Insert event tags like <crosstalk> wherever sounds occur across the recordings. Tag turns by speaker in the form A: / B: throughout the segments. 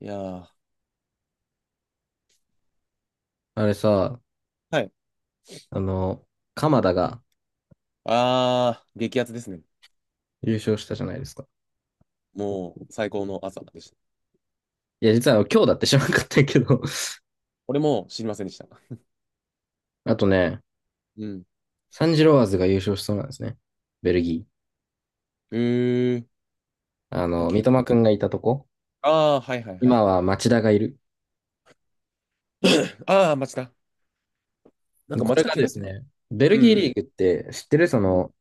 A: いやー、
B: あれさ、
A: はい。
B: あの、鎌田が
A: あー、激アツですね。
B: 優勝したじゃないですか。
A: もう最高の朝でした。
B: いや、実は今日だって知らなかったけど。
A: 俺も知りませんでした。
B: <laughs> あとね、
A: うん。
B: サンジロワーズが優勝しそうなんですね。ベルギー。
A: えー、なんか
B: 三笘くんがいたとこ。
A: ああー、はいはいはい。
B: 今は町田がいる。
A: <coughs> ああ、町田。なんか
B: こ
A: 町
B: れ
A: 田
B: が
A: 怪
B: で
A: 我
B: す
A: した。
B: ね、ベル
A: うんう
B: ギーリー
A: ん。
B: グって知ってる
A: うん。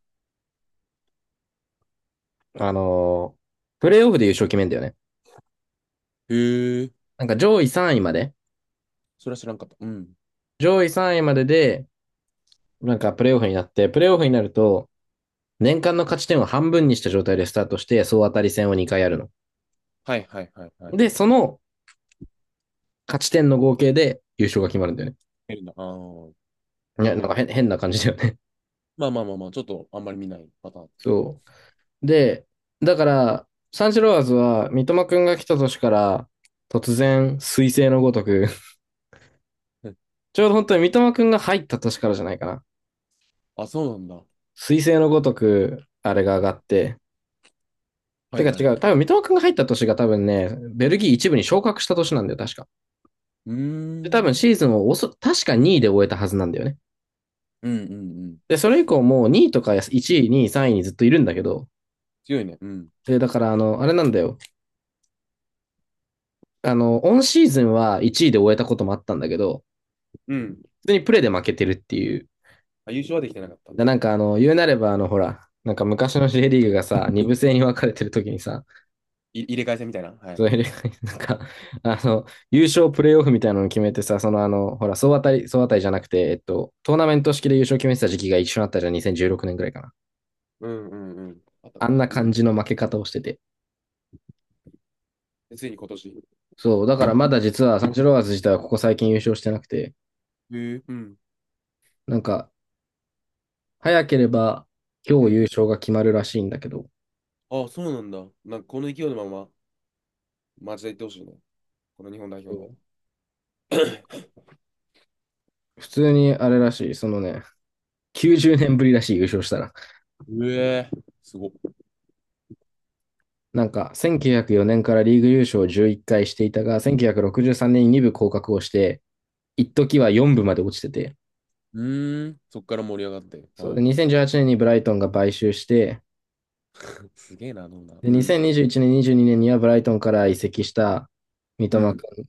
B: あの、プレイオフで優勝決めんだよね。
A: へえ、
B: なんか上位3位まで。
A: それは知らんかった。うん。
B: 上位3位までで、なんかプレイオフになると、年間の勝ち点を半分にした状態でスタートして、総当たり戦を2回やるの。
A: はいはいはいは
B: で、
A: い。
B: その勝ち点の合計で優勝が決まるんだよね。
A: 出るんだ。ああ、
B: い
A: な
B: や、
A: る
B: なん
A: ほ
B: か
A: ど。
B: 変な感じだよね。
A: まあまあまあまあ、ちょっとあんまり見ないパターン。
B: <laughs> そう。で、だから、サンシロワーズは三笘くんが来た年から突然、彗星のごとく、
A: うん。
B: <laughs> ちょうど本当に三笘くんが入った年からじゃないかな。
A: あ、そうなんだ。
B: 彗星のごとく、あれが上がって。
A: は
B: て
A: い
B: か
A: はい。
B: 違
A: う
B: う、多分三笘くんが入った年が多分ね、ベルギー一部に昇格した年なんだよ、確か。
A: ー
B: で、多分
A: ん。
B: シーズンを確か2位で終えたはずなんだよね。
A: うんうんうん。
B: で、それ以降もう2位とか1位、2位、3位にずっといるんだけど、
A: 強いね。うん。
B: で、だからあれなんだよ。オンシーズンは1位で終えたこともあったんだけど、
A: うん。
B: 普通にプレーで負けてるっていう。
A: あ、優勝はできてなかった。い、
B: なんか言うなればほら、なんか昔の J リーグがさ、二部制に分かれてる時にさ、
A: 入れ替え戦みたいな。はい。
B: そういうなんか、あの、優勝プレーオフみたいなのを決めてさ、ほら、総当たりじゃなくて、トーナメント式で優勝決めてた時期が一緒になったじゃん、2016年ぐらいかな。
A: うんうんうん。あった
B: あ
A: か
B: んな
A: な。う
B: 感
A: ん。
B: じの負け方をしてて。
A: でついに今年。
B: そう、だからまだ実はサンチロワーズ自体はここ最近優勝してなくて、
A: へえ。うん。
B: なんか、早ければ
A: う
B: 今日優
A: ん。
B: 勝が決まるらしいんだけど、
A: あ、そうなんだ。なんかこの勢いのまま、町田行ってほしいね。この日本代表の。<coughs>
B: 普通にあれらしい、90年ぶりらしい優勝したら。
A: うえー、すごっ。
B: なんか、1904年からリーグ優勝を11回していたが、1963年に2部降格をして、一時は4部まで落ちてて、
A: うーん、そっから盛り上がって。
B: そう
A: は
B: で、
A: い。
B: 2018年にブライトンが買収して、
A: <laughs> すげえな、どんな。
B: で、
A: うん、
B: 2021年、22年にねんにはブライトンから移籍した三
A: う
B: 笘
A: ん、
B: 君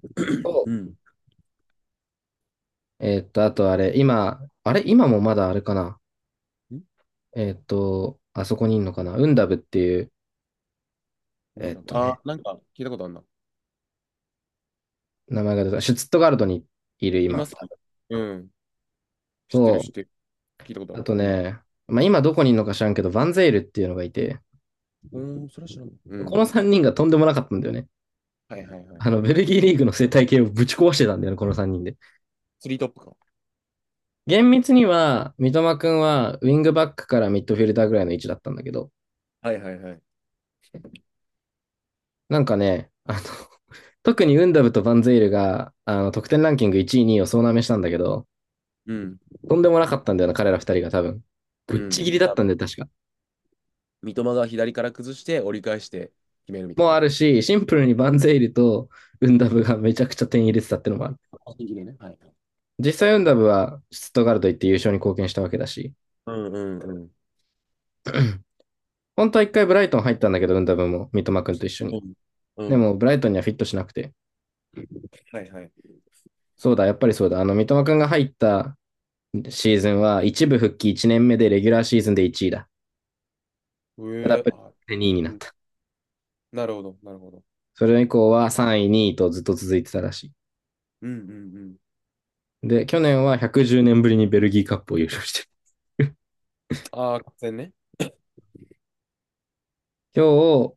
A: <coughs>
B: と、
A: うん。
B: あとあれ、今、あれ、今もまだあれかな。
A: ん、
B: あそこにいるのかな。ウンダブっていう、
A: な
B: え
A: ん
B: ーっ
A: だろ
B: と
A: う。
B: ね、
A: あ、なんか聞いたことあるな。
B: 名前が出た。シュツットガルトにいる
A: いま
B: 今、
A: すか。うん。知ってる、
B: と、
A: 知ってる。聞いたことあ
B: あ
A: る。
B: と
A: うん。
B: ね、まあ、今どこにいるのか知らんけど、バンゼイルっていうのがいて、
A: うーん、それは知らん。う
B: こ
A: ん。
B: の3人がとんでもなかったんだよね。
A: はいはいはい。
B: ベルギーリーグの生態系をぶち壊してたんだよね、この3人で。
A: スリートップか。
B: 厳密には、三笘くんはウィングバックからミッドフィルダーぐらいの位置だったんだけど、
A: はいはいはい。
B: なんかね、<laughs> 特にウンダブとバンゼイルが、得点ランキング1位、2位を総なめしたんだけど、
A: うん、
B: とんでもなかったんだよな、彼ら2人が多分。ぶっ
A: うん。
B: ちぎりだったんだよ、確か。
A: 三笘が左から崩して折り返して決めるみ
B: も
A: た
B: う
A: い
B: あ
A: な。
B: るし、シンプルにバンゼイルとウンダブがめちゃくちゃ点入れてたってのもある。
A: 個人的でね。はい。
B: 実際ウンダブはシュットガルト行って優勝に貢献したわけだし、
A: うんうんうん。
B: 本当は一回ブライトン入ったんだけど、ウンダブも三笘くんと一緒
A: う
B: に。
A: んう
B: で
A: ん。
B: も、ブライトンにはフィットしなくて。
A: はいはい。
B: そうだ、やっぱりそうだ。三笘くんが入ったシーズンは、一部復帰1年目でレギュラーシーズンで1位だ。
A: う
B: ただ、やっ
A: え
B: ぱ
A: あ、
B: り2位にな
A: う
B: っ
A: ん。
B: た。
A: なるほど、なるほど。
B: それ以降は3位、2位とずっと続いてたらし
A: うんうんうん。
B: い。で、去年は110年ぶりにベルギーカップを優勝してる。
A: ああ、完全ね。
B: <laughs> 今日、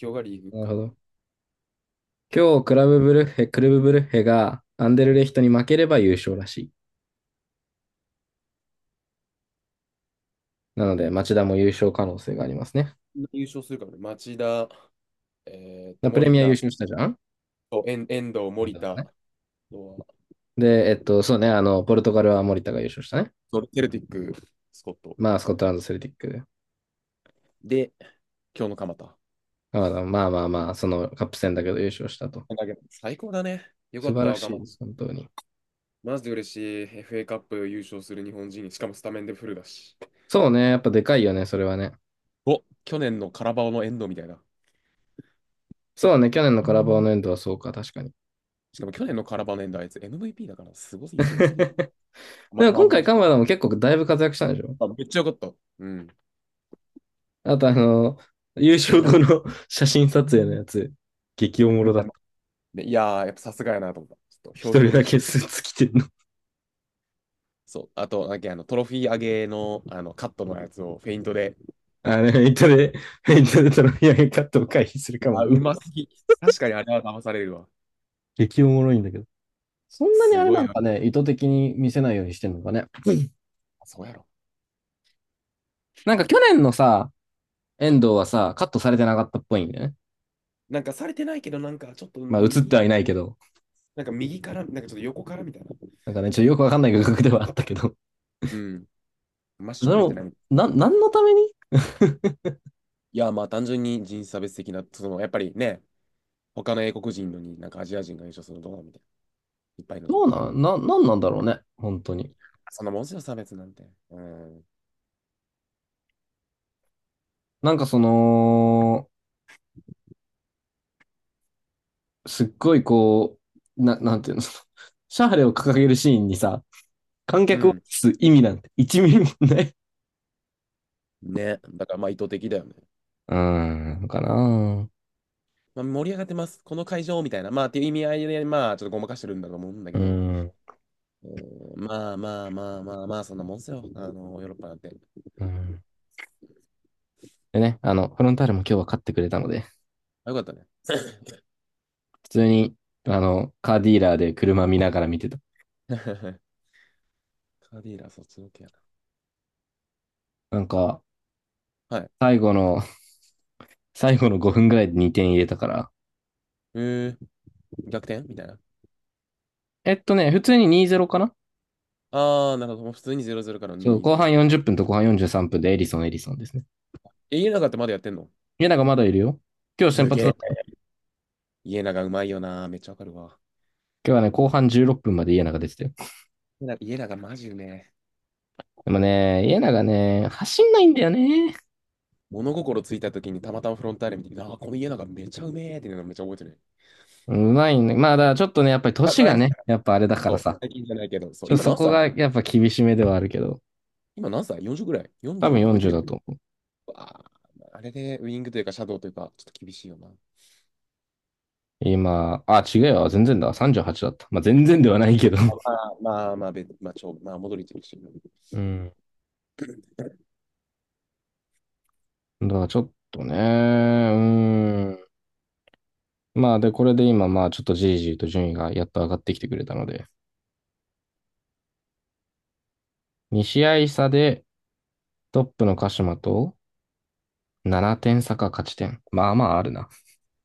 A: 今日がリーグ
B: なる
A: か
B: ほ
A: も。
B: ど。今日、クルブブルッヘがアンデルレヒトに負ければ優勝らしい。なので、町田も優勝可能性がありますね。
A: 優勝するかもね。町田、
B: プレ
A: 森
B: ミア優
A: 田、
B: 勝したじゃん。
A: と遠藤、森田、あとは
B: で、そうね、ポルトガルは森田が優勝したね。
A: そう、セルティック、スコット。
B: まあ、スコットランド、セルティックで。
A: で、今日の蒲田。
B: まあまあまあまあ、そのカップ戦だけど優勝したと。
A: だ、最高だね。よか
B: 素
A: っ
B: 晴
A: た、
B: ら
A: 若
B: しいで
A: 田、
B: す、本当に。
A: マジで嬉しい。FA カップ優勝する日本人。しかもスタメンでフルだし。
B: そうね、やっぱでかいよね、それはね。
A: お、去年のカラバオの遠藤みたいな。
B: そうね、去年のカラバオのエンドはそうか、確かに。
A: しかも去年のカラバオの遠藤あいつ MVP だからすごすぎ、すごすぎる。
B: <laughs>
A: ま、
B: でも
A: まあ、
B: 今
A: ま
B: 回、カマダも結構だいぶ活躍したんでしょ。
A: あめっちゃよかった。うん。
B: あと、優勝
A: ラ
B: 後の <laughs> 写真撮影のやつ、激おもろ
A: み
B: だ
A: た
B: っ
A: い
B: た。
A: な。で、いやー、やっぱさすがやなと思った。ちょっとひ
B: 一
A: ょうひ
B: 人
A: ょう
B: だ
A: とし
B: け
A: て。
B: スーツ着てんの。
A: そう。あと、なんかあのトロフィー上げの、あのカットのやつをフェイントで。
B: あれ、フェイントでトロフィー上げカットを回避するかも
A: あ、
B: だ
A: う
B: ね。
A: ますぎ。確かにあれは騙されるわ。
B: 激おもろいんだけど。そんなに
A: す
B: あれ
A: ご
B: な
A: い
B: ん
A: わ。
B: かね、意図的に見せないようにしてんのかね。<laughs>
A: そうやろ。
B: なんか去年のさ、遠藤はさ、カットされてなかったっぽいんだよね。
A: なんかされてないけど、なんかちょっと
B: まあ映って
A: 右、
B: はいないけど。
A: なんか右から、なんかちょっと横からみたいな。
B: なんかね、ちょっとよくわかんない画角ではあったけど。
A: うん。真正
B: で
A: 面じゃ
B: も、
A: ない。
B: 何のために。 <laughs>
A: いや、まあ単純に人種差別的な、そのやっぱりね、他の英国人のになんかアジア人が優勝するのどうなみたいな。いっぱいいるので
B: ど
A: み
B: う
A: たいな。
B: なな、なんなんだろうね。本当に。
A: そんなもんすよ、差別なんて。うん。
B: なんかその、すっごいこう、なんていうの、シャーレを掲げるシーンにさ、観
A: う
B: 客を映
A: ん。
B: す意味なんて1ミリもない。
A: ね。だからまあ意図的だよね。
B: うーん、かな。
A: まあ、盛り上がってます。この会場みたいな。まあっていう意味合いで、まあちょっとごまかしてるんだと思うんだ
B: う
A: け
B: ー
A: ど。
B: ん、
A: うん。まあまあまあまあまあ、そんなもんすよ。あの、ヨーロッパなんて。
B: うん。でね、フロンターレも今日は勝ってくれたので、
A: あ、よかったね。
B: 普通に、カーディーラーで車見ながら見てた。
A: <laughs> カーディーラ、そっちのけや
B: なんか、
A: な。はい。
B: 最後の、最後の5分ぐらいで2点入れたから。
A: えー、逆転みたいな。
B: 普通に2-0かな。
A: ああ、なるほど。もう普通に0-0からの
B: そう、後
A: 2-0ね。
B: 半40分と後半43分でエリソンですね。
A: え、家長ってまだやってんの。
B: 家長まだいるよ。今日先
A: す
B: 発
A: げ
B: だっ
A: え。
B: たよ。
A: 家長うまいよな。めっちゃわかるわ。
B: 今日はね、後
A: 家
B: 半16分まで家長出てたよ。
A: 家長マジうめえ。
B: でもね、家長ね、走んないんだよね。
A: 物心ついた時にたまたまフロンターレ見て、ああ、この家長めちゃうめえっていうのめっちゃ覚えてる。
B: うまいね。まあ、だからちょっとね、やっぱり
A: あ、
B: 年
A: 前
B: が
A: ね。
B: ね、やっぱあれだか
A: そ
B: ら
A: う、
B: さ。
A: 最近じゃないけど、そう、今
B: そ
A: 何
B: こ
A: 歳。
B: がやっぱ厳しめではあるけど、
A: 今何歳？ 40 ぐらい？
B: 多分
A: 40 超えて
B: 40
A: るよ。
B: だと思う。
A: うわあ、あれでウィングというか、シャドウというか、ちょっと厳しいよな。あ
B: 今、あ、違うよ、全然だ、38だった。まあ、全然ではないけど。
A: ま
B: <laughs>
A: あまあ、まあ、べまあ、ちょ、まあ、戻りてるし。
B: うん。だからちょっとね、うーん。まあ、で、これで今、まあ、ちょっとじりじりと順位がやっと上がってきてくれたので、2試合差でトップの鹿島と7点差か勝ち点。まあまああるな。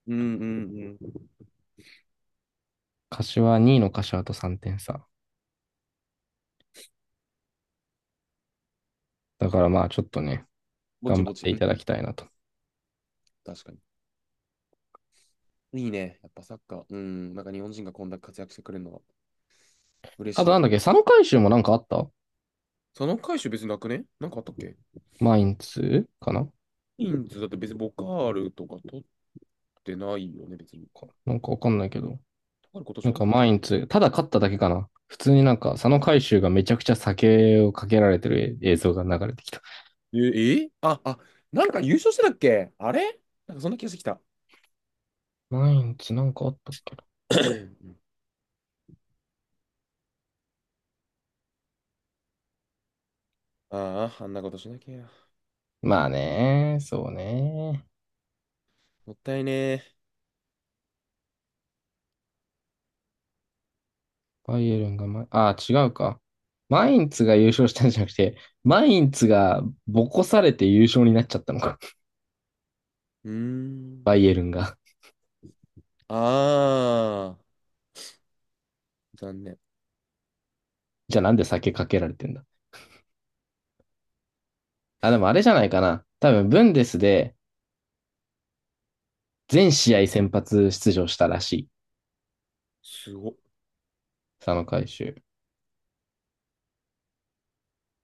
A: うんうんうん。
B: 2位の柏と3点差。だからまあ、ちょっとね、
A: ぼち
B: 頑張
A: ぼ
B: っ
A: ち。
B: て
A: う
B: い
A: ん、
B: ただきたいなと。
A: 確かに。いいね。やっぱサッカー。うん、なんか日本人がこんな活躍してくれるのは嬉
B: あ
A: しい
B: とな
A: よ。
B: んだっけ、3回収もなんかあった。
A: その回収別になくね。なんかあったっけ。
B: マインツかな
A: インズだって別にボカールとか取てないよね、別に。
B: かなんかわかんないけど。
A: あれ、今年
B: なん
A: どこだ
B: か
A: っ
B: マ
A: け。
B: インツ、ただ勝っただけかな。普通になんか、佐野海舟がめちゃくちゃ酒をかけられてる映像が流れてきた。
A: えー、えーあ、あ、なんか優勝してたっけあれ。なんかそんな気がしてきた。
B: マインツなんかあったっけな。
A: <coughs> ああ、あんなことしなきゃ。
B: まあね、そうね。
A: もったいねえ。
B: バイエルンがま、ああ、違うか。マインツが優勝したんじゃなくて、マインツがボコされて優勝になっちゃったのか。
A: うー
B: バ
A: ん。
B: イエルンが。
A: ああ、残念。
B: じゃあなんで酒かけられてんだ。あ、でもあれじゃないかな。多分、ブンデスで全試合先発出場したらしい。
A: すごっ。
B: 佐野海舟。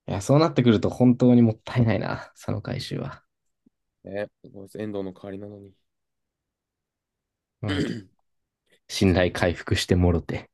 B: いや、そうなってくると本当にもったいないな、その回収は。
A: ね、ごめんなさい遠藤の代わりなのに。<clears throat>
B: まあ、
A: <coughs>
B: 信
A: そう
B: 頼
A: ね。
B: 回復してもろて。